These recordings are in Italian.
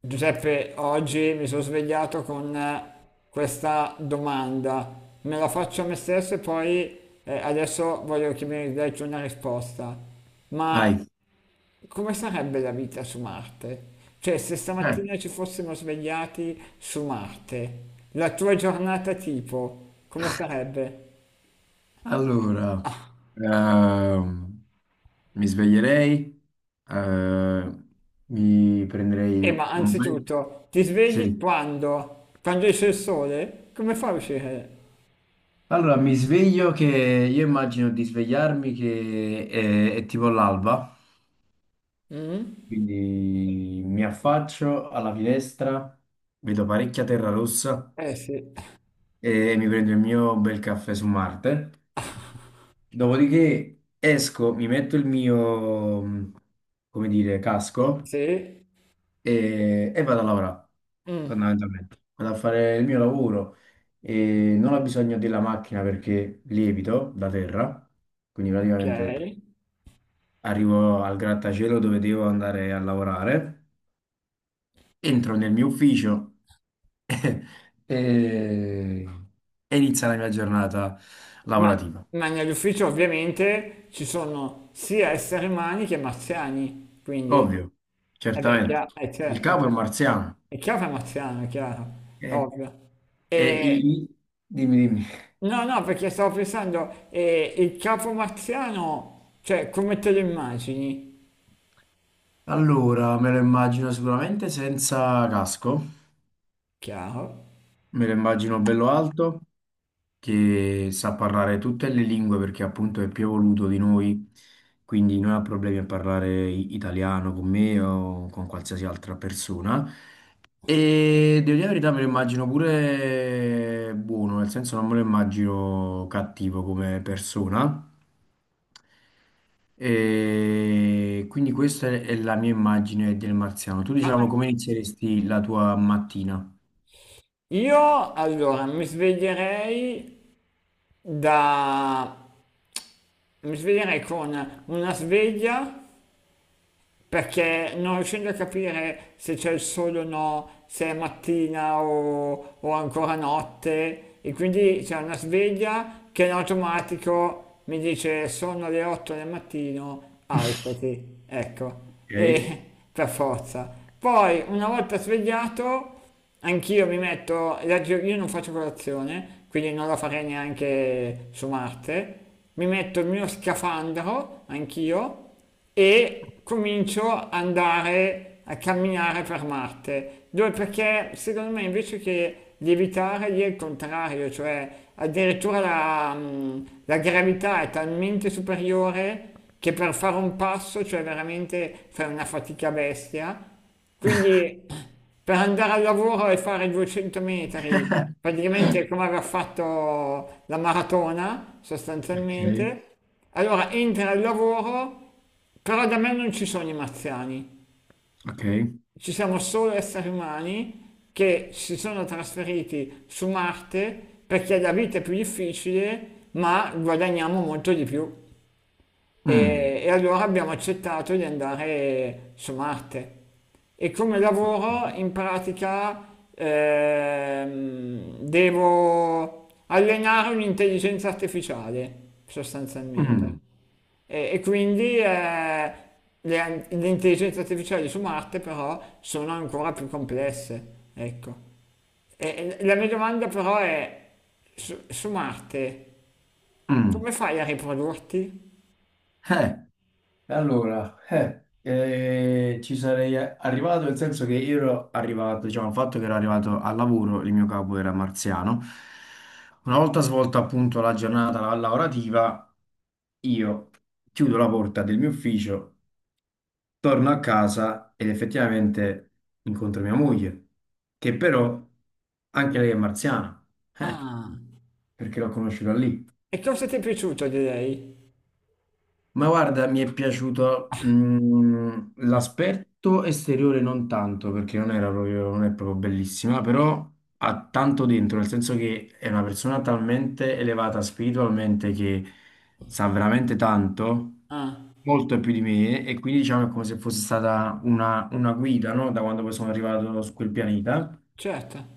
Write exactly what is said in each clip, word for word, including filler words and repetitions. Giuseppe, oggi mi sono svegliato con eh, questa domanda. Me la faccio a me stesso e poi eh, adesso voglio che mi dai tu una risposta. Ma Vai. come sarebbe la vita su Marte? Cioè, se Eh, stamattina ci fossimo svegliati su Marte, la tua giornata tipo, come sarebbe? allora, ehm, Mi sveglierei, eh, mi prenderei E ma un bel... anzitutto, ti svegli Sì. quando? Quando esce il sole? Come fai a uscire? Allora, mi sveglio che io immagino di svegliarmi che è, è tipo l'alba, Mm? quindi mi affaccio alla finestra, vedo parecchia terra rossa Eh sì. e mi prendo il mio bel caffè su Marte. Dopodiché esco, mi metto il mio, come dire, casco Sì. e, e vado a lavorare, Mm. fondamentalmente. Vado a fare il mio lavoro e non ho bisogno della macchina perché lievito da terra, quindi Ok. praticamente arrivo al grattacielo dove devo andare a lavorare, entro nel mio ufficio e, e inizia la mia giornata Ma, lavorativa. ma nell'ufficio ovviamente ci sono sia esseri umani che marziani, quindi, Ovvio, eh beh, certamente. chiaro, è Il certo, capo è un marziano. è chiaro che è marziano, è chiaro, è Eh, ovvio. e i- E. i- dimmi, dimmi. No, no, perché stavo pensando, eh, il capo marziano, cioè, come te lo immagini? Allora, me lo immagino sicuramente senza casco, Chiaro. me lo immagino bello alto, che sa parlare tutte le lingue perché appunto è più evoluto di noi, quindi non ha problemi a parlare i- italiano con me o con qualsiasi altra persona. E devo dire la verità, me lo immagino pure buono, nel senso non me lo immagino cattivo come persona. E quindi questa è è la mia immagine del marziano. Tu, Ma diciamo, eh, come inizieresti la tua mattina? io, allora, mi sveglierei da... mi sveglierei con una sveglia perché non riuscendo a capire se c'è il sole o no, se è mattina o, o ancora notte, e quindi c'è una sveglia che in automatico mi dice sono le otto del mattino, alzati, ecco, Ok, e per forza. Poi una volta svegliato, anch'io mi metto, la gio- io non faccio colazione, quindi non la farei neanche su Marte, mi metto il mio scafandro, anch'io, e comincio ad andare a camminare per Marte. Dove? Perché secondo me invece che di evitare lì è il contrario, cioè addirittura la, mh, la gravità è talmente superiore che per fare un passo, cioè veramente fai una fatica bestia. Quindi per andare al lavoro e fare duecento metri, praticamente è come aveva fatto la maratona, ok, sostanzialmente, allora entra il lavoro, però da me non ci sono i marziani, ok. ci siamo solo esseri umani che si sono trasferiti su Marte perché la vita è più difficile, ma guadagniamo molto di più. Mm, E, e allora abbiamo accettato di andare su Marte. E come lavoro in pratica ehm, devo allenare un'intelligenza artificiale, sostanzialmente. mm, E, e quindi eh, le, le intelligenze artificiali su Marte però sono ancora più complesse, ecco. E- e la mia domanda però è, su, su Marte, mm. come fai a riprodurti? Eh, E allora, eh, eh, ci sarei arrivato, nel senso che io ero arrivato, diciamo, il fatto che ero arrivato al lavoro, il mio capo era marziano. Una volta svolta appunto la giornata lavorativa, io chiudo la porta del mio ufficio, torno a casa ed effettivamente incontro mia moglie, che però anche lei è marziana, eh, Ah. perché l'ho conosciuta lì. E cosa ti è piaciuto di lei? Ma guarda, mi è piaciuto mm, l'aspetto esteriore non tanto, perché non era proprio, non è proprio bellissima, però ha tanto dentro, nel senso che è una persona talmente elevata spiritualmente che sa veramente tanto, Ah, molto più di me, e quindi diciamo è come se fosse stata una, una guida, no? Da quando poi sono arrivato su quel pianeta. certo.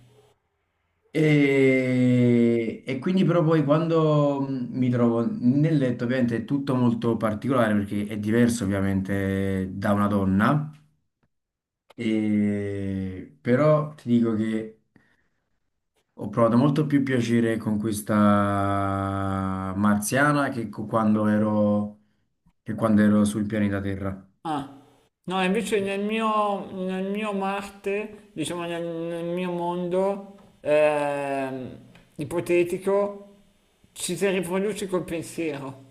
E, e quindi però poi quando mh, mi trovo nel letto, ovviamente è tutto molto particolare perché è diverso ovviamente da una donna, e però ti dico che ho provato molto più piacere con questa marziana che co- quando ero, che quando ero sul pianeta Terra. Ah. No, invece nel mio, nel mio Marte, diciamo nel, nel mio mondo ehm, ipotetico, ci si riproduce col pensiero.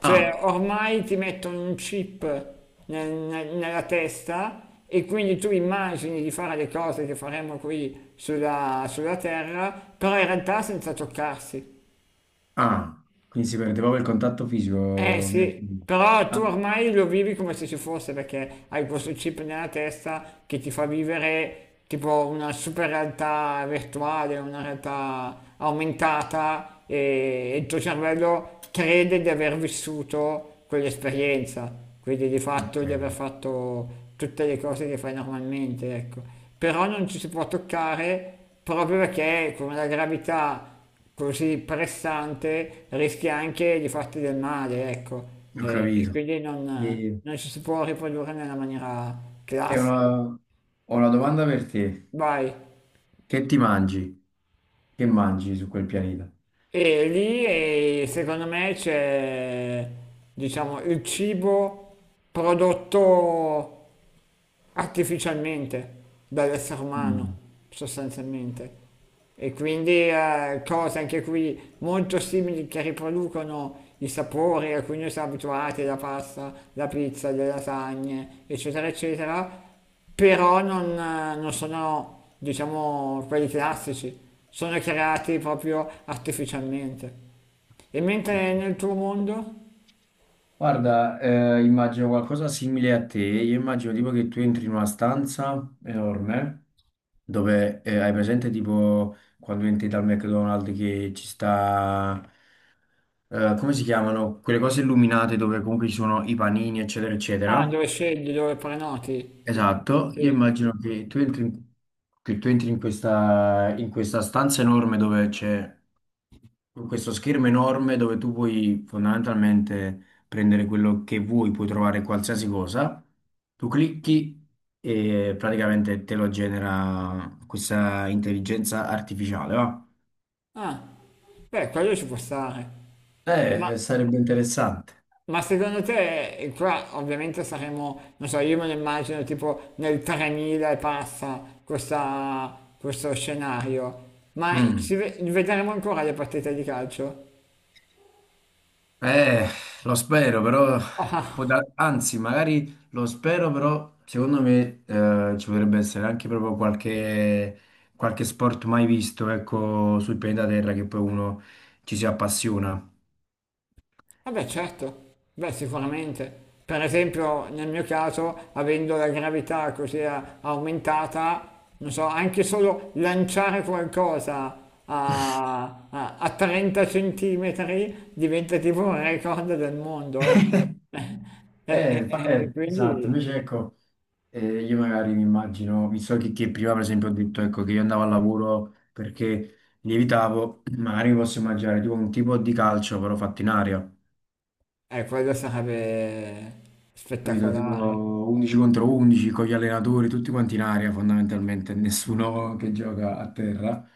Cioè, Ah, ormai ti mettono un chip nel- nel- nella testa e quindi tu immagini di fare le cose che faremo qui sulla, sulla Terra, però in realtà senza toccarsi. ah, quindi si perde proprio il contatto Eh fisico. nel- sì, però tu Ah, ormai lo vivi come se ci fosse perché hai questo chip nella testa che ti fa vivere tipo una super realtà virtuale, una realtà aumentata e e il tuo cervello crede di aver vissuto quell'esperienza, quindi di fatto ok, di aver fatto tutte le cose che fai normalmente, ecco. Però non ci si può toccare proprio perché con la gravità così pressante rischi anche di farti del male, ecco, ho e, e capito. quindi non, E- non ci si può riprodurre nella maniera E classica. una- ho una domanda per te. Vai. Che ti mangi? Che mangi su quel pianeta? E lì eh, secondo me c'è, diciamo, il cibo prodotto artificialmente dall'essere umano, Mm, sostanzialmente. E quindi eh, cose anche qui molto simili che riproducono i sapori a cui noi siamo abituati, la pasta, la pizza, le lasagne, eccetera, eccetera, però non, eh, non sono, diciamo, quelli classici, sono creati proprio artificialmente. E ok. mentre nel tuo mondo? Guarda, eh, immagino qualcosa simile a te. Io immagino tipo che tu entri in una stanza enorme dove eh, hai presente tipo quando entri dal McDonald's che ci sta, eh, come si chiamano? Quelle cose illuminate dove comunque ci sono i panini, eccetera, Ah, eccetera. dove scegli, dove prenoti? Esatto, io Sì. immagino che tu entri in, che tu entri in questa, in questa stanza enorme dove c'è questo schermo enorme dove tu puoi fondamentalmente prendere quello che vuoi, puoi trovare qualsiasi cosa, tu clicchi e praticamente te lo genera questa intelligenza artificiale, va? Ah, beh, quello ci può stare. Ma Eh, sarebbe interessante. Ma secondo te, e qua ovviamente saremo, non so, io me lo immagino tipo nel tremila e passa questa- questo scenario, ma Mm. si ve- vedremo ancora le partite di calcio? Eh, lo spero, però può da- anzi, magari lo spero, però secondo me eh, ci potrebbe essere anche proprio qualche, qualche sport mai visto, ecco, sul pianeta Terra che poi uno ci si appassiona. Vabbè, certo, beh, sicuramente. Per esempio, nel mio caso, avendo la gravità così a- aumentata, non so, anche solo lanciare qualcosa a, a- a trenta centimetri diventa tipo un record del mondo, ecco. E, e- Eh, fa- e eh, Esatto, quindi, invece ecco, eh, io magari mi immagino, visto che, che prima per esempio ho detto ecco, che io andavo al lavoro perché lievitavo, magari mi posso immaginare tipo un tipo di calcio però fatto in aria. eh, quello sarebbe Capito? Tipo spettacolare. undici contro undici con gli allenatori, tutti quanti in aria fondamentalmente, nessuno che gioca a terra.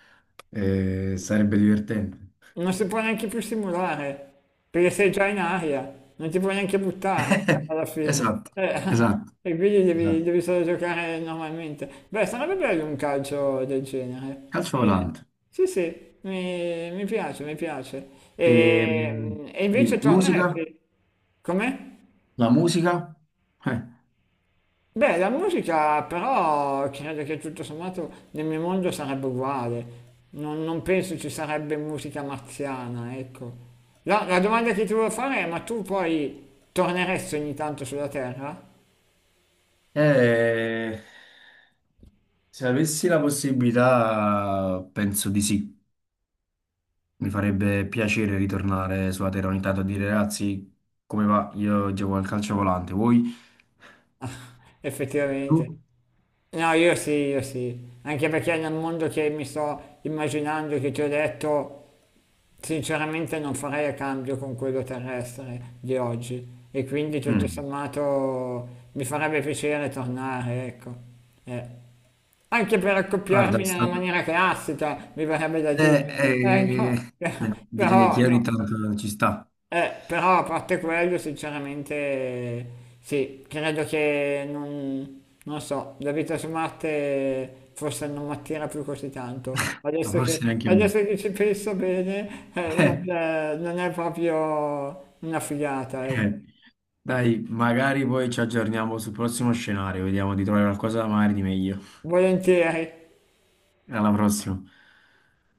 Eh, sarebbe divertente. Non si può neanche più simulare, perché sei già in aria, non ti puoi neanche buttare alla fine. Esatto, Eh, esatto, E quindi devi, esatto. devi solo giocare normalmente. Beh, sarebbe bello un calcio del genere. Calcio Eh, volante. Sì, sì, mi, mi piace, mi piace. E, mh, E, e invece dimmi, musica? torneresti? Com'è? La musica? Eh, Beh, la musica però credo che tutto sommato nel mio mondo sarebbe uguale. Non, non penso ci sarebbe musica marziana, ecco. La, la domanda che ti volevo fare è, ma tu poi torneresti ogni tanto sulla Terra? Eh, se avessi la possibilità, penso di sì. Mi farebbe piacere ritornare sulla terra ogni tanto a dire: ragazzi, come va? Io gioco al calcio volante, voi? Tu? Effettivamente. No, io sì, io sì. Anche perché nel mondo che mi sto immaginando, che ti ho detto, sinceramente non farei a cambio con quello terrestre di oggi. E quindi tutto Mm. sommato mi farebbe piacere tornare, ecco. Eh. Anche per Guarda, è accoppiarmi nella stato- maniera classica, mi verrebbe da dire. eh, Eh, eh, no, eh, direi però, che ogni no. tanto ci sta, Eh, però a parte quello, sinceramente, sì, credo che non, non so, la vita su Marte forse non mi attira più così tanto. ma Adesso forse che, neanche a me. adesso che ci penso bene, eh, non, è non è proprio una figata, Eh, ecco. eh. Dai, magari poi ci aggiorniamo sul prossimo scenario, vediamo di trovare qualcosa magari di meglio. Volentieri. Alla prossima.